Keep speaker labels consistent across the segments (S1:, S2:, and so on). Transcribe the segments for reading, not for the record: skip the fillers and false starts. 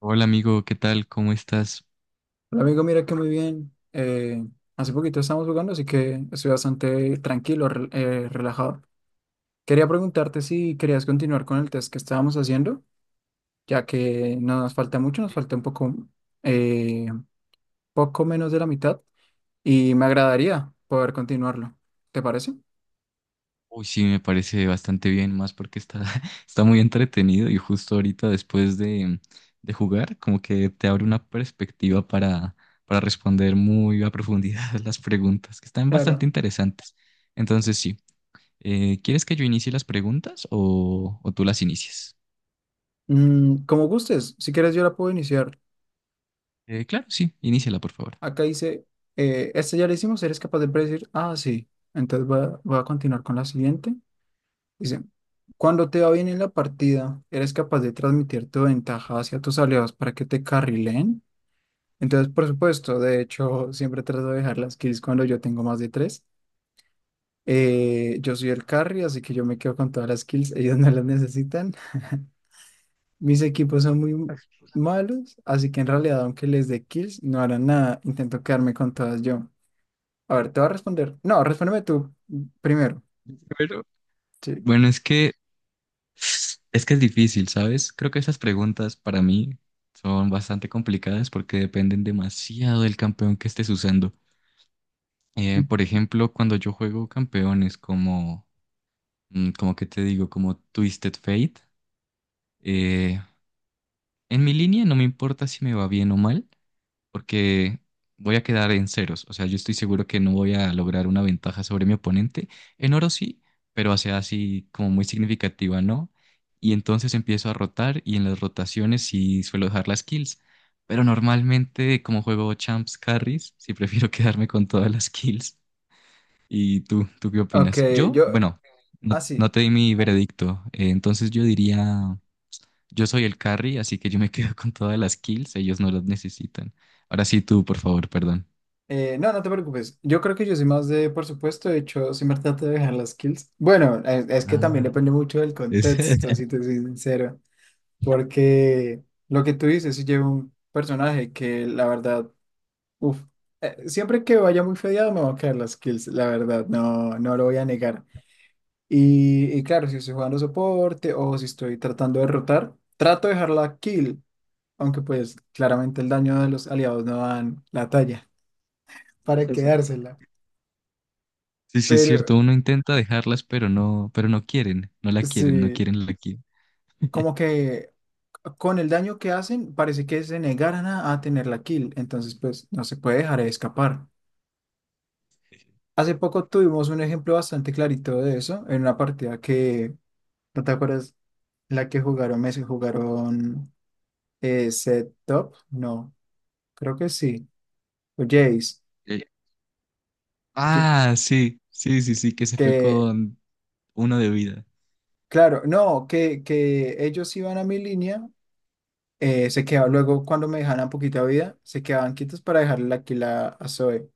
S1: Hola amigo, ¿qué tal? ¿Cómo estás?
S2: Hola amigo, mira que muy bien. Hace poquito estamos jugando, así que estoy bastante tranquilo, relajado. Quería preguntarte si querías continuar con el test que estábamos haciendo, ya que no nos falta mucho, nos
S1: Eh,
S2: falta un poco, eh, poco menos de la mitad y me agradaría poder continuarlo. ¿Te parece?
S1: Uy, sí, me parece bastante bien, más porque está, está muy entretenido y justo ahorita después de jugar, como que te abre una perspectiva para responder muy a profundidad las preguntas, que están bastante
S2: Claro.
S1: interesantes. Entonces, sí, ¿quieres que yo inicie las preguntas o tú las inicias?
S2: Mm, como gustes, si quieres yo la puedo iniciar.
S1: Claro, sí, iníciala, por favor.
S2: Acá dice, este ya lo hicimos. ¿Eres capaz de predecir? Ah, sí. Entonces voy a continuar con la siguiente. Dice, cuando te va bien en la partida, eres capaz de transmitir tu ventaja hacia tus aliados para que te carrileen. Entonces, por supuesto, de hecho, siempre trato de dejar las kills cuando yo tengo más de tres. Yo soy el carry, así que yo me quedo con todas las kills, ellos no las necesitan. Mis equipos son muy malos, así que en realidad, aunque les dé kills, no harán nada. Intento quedarme con todas yo. A ver, te voy a responder. No, respóndeme tú primero.
S1: Pero...
S2: Sí.
S1: Bueno, Es que es difícil, ¿sabes? Creo que esas preguntas para mí son bastante complicadas porque dependen demasiado del campeón que estés usando. Por ejemplo, cuando yo juego campeones como, como que te digo, como Twisted Fate, eh, en mi línea no me importa si me va bien o mal, porque voy a quedar en ceros. O sea, yo estoy seguro que no voy a lograr una ventaja sobre mi oponente. En oro sí, pero hacia así como muy significativa, ¿no? Y entonces empiezo a rotar y en las rotaciones sí suelo dejar las kills. Pero normalmente, como juego champs carries, sí prefiero quedarme con todas las kills. ¿Y tú qué
S2: Ok,
S1: opinas? Yo,
S2: yo,
S1: bueno, no, no
S2: así.
S1: te di mi veredicto. Entonces yo diría. Yo soy el carry, así que yo me quedo con todas las kills, ellos no las necesitan. Ahora sí tú, por favor, perdón.
S2: No, no te preocupes. Yo creo que yo soy más de, por supuesto, de hecho, siempre trato de dejar las kills. Bueno, es que también
S1: Ah,
S2: depende mucho del
S1: es-
S2: contexto, si te soy sincero. Porque lo que tú dices, si llevo un personaje que la verdad, uff, siempre que vaya muy fedeado me van a caer las kills, la verdad, no lo voy a negar. Y claro, si estoy jugando soporte o si estoy tratando de rotar, trato de dejar la kill, aunque pues claramente el daño de los aliados no dan la talla para
S1: Sí, sí.
S2: quedársela.
S1: Sí, sí, es
S2: Pero
S1: cierto, uno intenta dejarlas, pero no quieren, no la quieren, no
S2: sí,
S1: quieren la kill.
S2: como que con el daño que hacen, parece que se negaran a tener la kill, entonces pues no se puede dejar de escapar. Hace poco tuvimos un ejemplo bastante clarito de eso, en una partida que, ¿no te acuerdas? La que jugaron Messi, jugaron Set Top, no, creo que sí, o Jace,
S1: Eh,
S2: Ye-
S1: ah, sí, sí, sí, sí, que se fue
S2: que,
S1: con uno de vida.
S2: claro, no, que ellos iban a mi línea, se quedaban, luego cuando me dejaban poquita vida, se quedaban quietos para dejarle la kill a Zoe.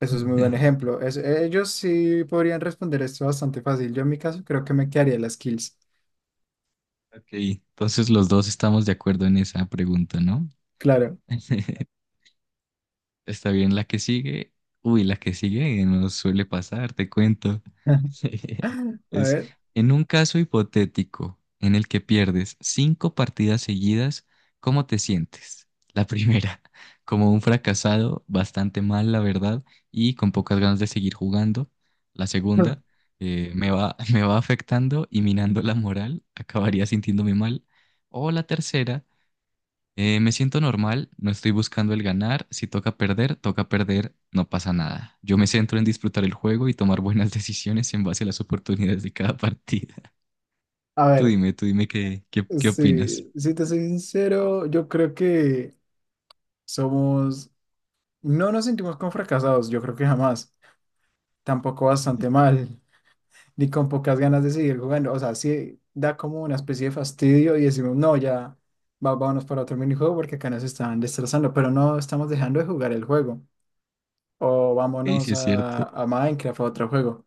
S2: Eso es muy buen ejemplo. Ellos sí podrían responder esto bastante fácil. Yo en mi caso creo que me quedaría las kills.
S1: Ok, entonces los dos estamos de acuerdo en esa pregunta, ¿no?
S2: Claro.
S1: Está bien, la que sigue. Uy, la que sigue nos suele pasar, te cuento.
S2: A
S1: Es
S2: ver.
S1: en un caso hipotético en el que pierdes cinco partidas seguidas, ¿cómo te sientes? La primera, como un fracasado, bastante mal, la verdad, y con pocas ganas de seguir jugando. La segunda, me va, me va afectando y minando la moral, acabaría sintiéndome mal. O la tercera, me siento normal, no estoy buscando el ganar. Si toca perder, toca perder, no pasa nada. Yo me centro en disfrutar el juego y tomar buenas decisiones en base a las oportunidades de cada partida.
S2: A
S1: Tú
S2: ver,
S1: dime, tú dime qué, qué, qué opinas.
S2: sí, si te soy sincero, yo creo que somos, no nos sentimos como fracasados, yo creo que jamás, tampoco bastante mal, ni con pocas ganas de seguir jugando, o sea, sí da como una especie de fastidio y decimos, no, ya vámonos para otro minijuego porque acá nos están destrozando, pero no estamos dejando de jugar el juego. O
S1: Ey,
S2: vámonos
S1: sí es cierto.
S2: a Minecraft, a otro juego.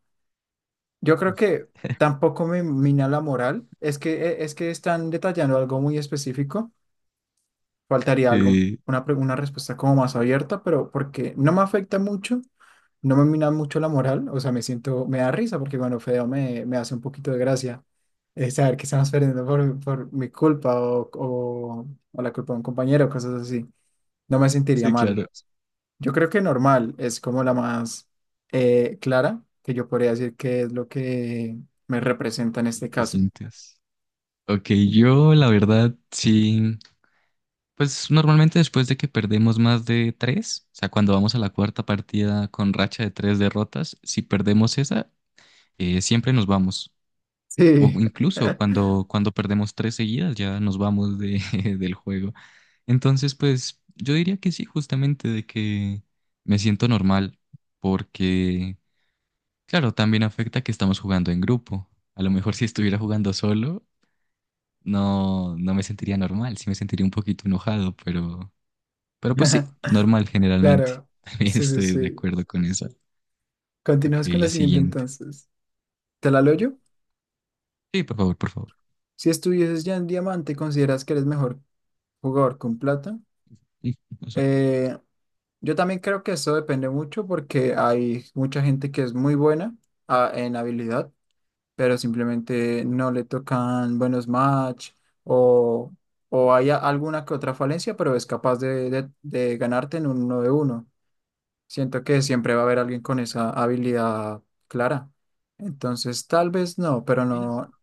S2: Yo creo que tampoco me mina la moral. Es que están detallando algo muy específico. Faltaría algo,
S1: Eh,
S2: una respuesta como más abierta, pero porque no me afecta mucho, no me mina mucho la moral. O sea, me siento, me da risa porque cuando feo me, me hace un poquito de gracia saber que estamos perdiendo por mi culpa o la culpa de un compañero, cosas así. No me sentiría
S1: sí,
S2: mal.
S1: claro,
S2: Yo creo que normal es como la más clara, que yo podría decir que es lo que me representa en este
S1: lo que
S2: caso.
S1: sientes. Ok, yo la verdad sí, pues normalmente después de que perdemos más de tres, o sea, cuando vamos a la cuarta partida con racha de tres derrotas, si perdemos esa, siempre nos vamos. O
S2: Sí,
S1: incluso cuando, cuando perdemos tres seguidas ya nos vamos de, del juego. Entonces, pues yo diría que sí, justamente de que me siento normal, porque, claro, también afecta que estamos jugando en grupo. A lo mejor si estuviera jugando solo, no, no me sentiría normal, sí me sentiría un poquito enojado, pero pues
S2: ujú,
S1: sí, normal generalmente.
S2: claro,
S1: También
S2: sí, sí,
S1: estoy de
S2: sí.
S1: acuerdo con eso. Ok,
S2: Continuamos con la
S1: la
S2: siguiente
S1: siguiente.
S2: entonces. ¿Te la leo
S1: Sí,
S2: yo?
S1: sí, por favor, por favor.
S2: Si estuvieses ya en diamante, ¿consideras que eres mejor jugador con plata? Eh, yo también creo que eso depende mucho porque hay mucha gente que es muy buena en habilidad, pero simplemente no le tocan buenos match o, o hay alguna que otra falencia, pero es capaz de, de ganarte en un uno de uno. Siento que siempre va a haber alguien con esa habilidad clara. Entonces, tal vez no, pero
S1: Sí.
S2: no,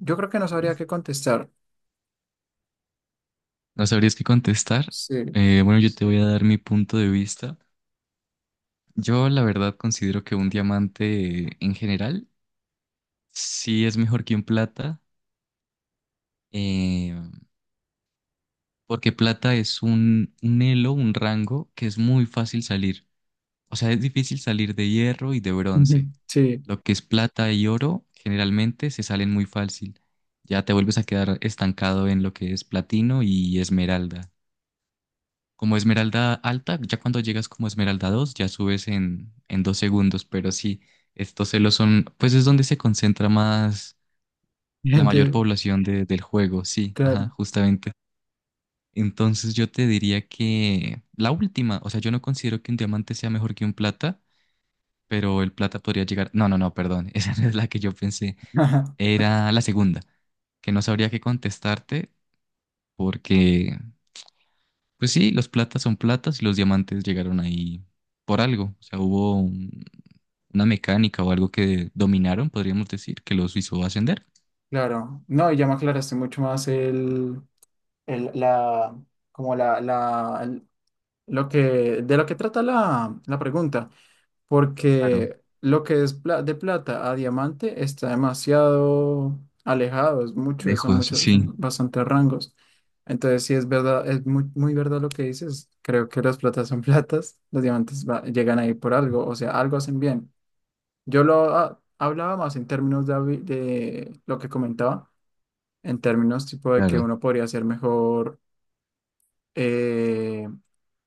S2: yo creo que no sabría qué contestar.
S1: No sabrías qué contestar.
S2: Sí,
S1: Bueno, yo te voy a dar mi punto de vista. Yo la verdad considero que un diamante en general sí es mejor que un plata, eh, porque plata es un elo, un rango que es muy fácil salir. O sea, es difícil salir de hierro y de
S2: ujú,
S1: bronce.
S2: sí,
S1: Lo que es plata y oro generalmente se salen muy fácil. Ya te vuelves a quedar estancado en lo que es platino y esmeralda. Como Esmeralda alta, ya cuando llegas como Esmeralda 2, ya subes en dos segundos, pero sí, estos celos son, pues es donde se concentra más la mayor
S2: gente,
S1: población de- del juego, sí, ajá,
S2: claro.
S1: justamente. Entonces yo te diría que la última, o sea, yo no considero que un diamante sea mejor que un plata, pero el plata podría llegar, no, no, no, perdón, esa no es la que yo pensé,
S2: Ajá,
S1: era la segunda, que no sabría qué contestarte porque pues sí, los platas son platas y los diamantes llegaron ahí por algo. O sea, hubo un- una mecánica o algo que dominaron, podríamos decir, que los hizo ascender.
S2: claro, no, y ya me aclaraste mucho más el- la, como Lo que, de lo que trata la pregunta,
S1: Claro,
S2: porque lo que es de plata a diamante está demasiado alejado, es mucho, son
S1: lejos,
S2: muchos,
S1: sí,
S2: son bastantes rangos. Entonces, sí es verdad, es muy, muy verdad lo que dices. Creo que las platas son platas, los diamantes llegan ahí por algo, o sea, algo hacen bien. Yo lo hablaba más en términos de, de lo que comentaba, en términos tipo de que
S1: claro.
S2: uno podría ser mejor. eh,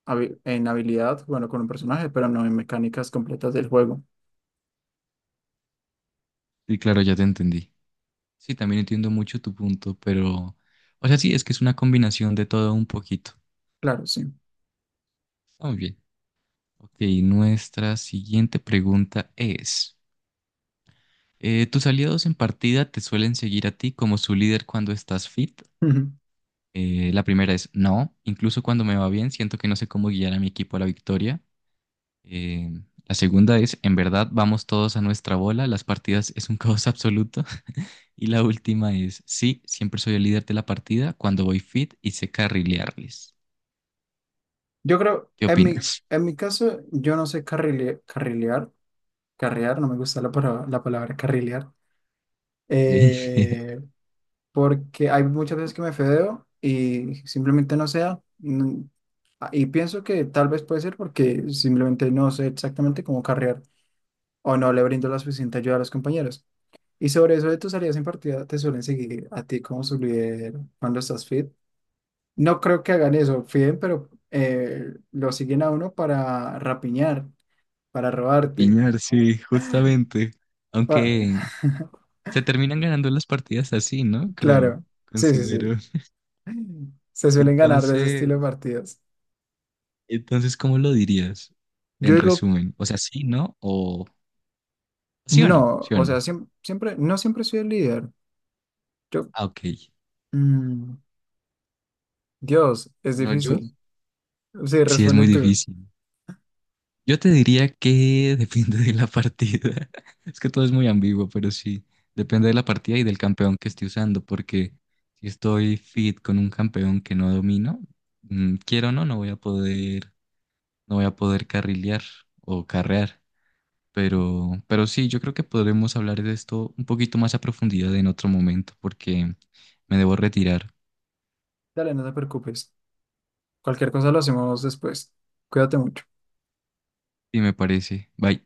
S2: en habilidad, bueno, con un personaje, pero no en mecánicas completas del juego.
S1: Sí, claro, ya te entendí. Sí, también entiendo mucho tu punto, pero, o sea, sí, es que es una combinación de todo un poquito.
S2: Claro, sí.
S1: Está muy bien. Ok, nuestra siguiente pregunta es, ¿tus aliados en partida te suelen seguir a ti como su líder cuando estás fit?
S2: Ujú.
S1: La primera es no, incluso cuando me va bien, siento que no sé cómo guiar a mi equipo a la victoria. Eh, la segunda es, en verdad, vamos todos a nuestra bola, las partidas es un caos absoluto. Y la última es, sí, siempre soy el líder de la partida cuando voy fit y sé carrilearles.
S2: Yo creo,
S1: ¿Qué opinas?
S2: en mi caso, yo no sé carrilear, carrear, no me gusta la palabra carrilear,
S1: Ok.
S2: eh, porque hay muchas veces que me fedeo y simplemente no sea. Mm, y pienso que tal vez puede ser porque simplemente no sé exactamente cómo carrear o no le brindo la suficiente ayuda a los compañeros. Y sobre eso de tus salidas en partida, ¿te suelen seguir a ti como su líder cuando estás fit? No creo que hagan eso, fiden, pero lo siguen a uno para rapiñar, para robarte.
S1: Piñar, sí, justamente.
S2: pa-
S1: Aunque se terminan ganando las partidas así, ¿no? Creo,
S2: Claro, sí, sí, sí.
S1: considero.
S2: Se suelen ganar de ese
S1: Entonces...
S2: estilo de partidas.
S1: Entonces, ¿cómo lo dirías
S2: Yo
S1: en
S2: digo,
S1: resumen? O sea, sí, ¿no? O sí o no,
S2: no,
S1: sí o
S2: o
S1: no.
S2: sea, siempre, no siempre soy el líder. Yo,
S1: Ah, ok.
S2: mm, Dios, es
S1: Bueno, yo
S2: difícil. Sí,
S1: sí es
S2: responde
S1: muy
S2: tú.
S1: difícil. Yo te diría que depende de la partida. Es que todo es muy ambiguo, pero sí, depende de la partida y del campeón que esté usando, porque si estoy fit con un campeón que no domino, quiero o no, no voy a poder, no voy a poder carrilear o carrear. Pero sí, yo creo que podremos hablar de esto un poquito más a profundidad en otro momento, porque me debo retirar,
S2: Dale, no te preocupes. Cualquier cosa lo hacemos después. Cuídate mucho.
S1: y me parece. Bye.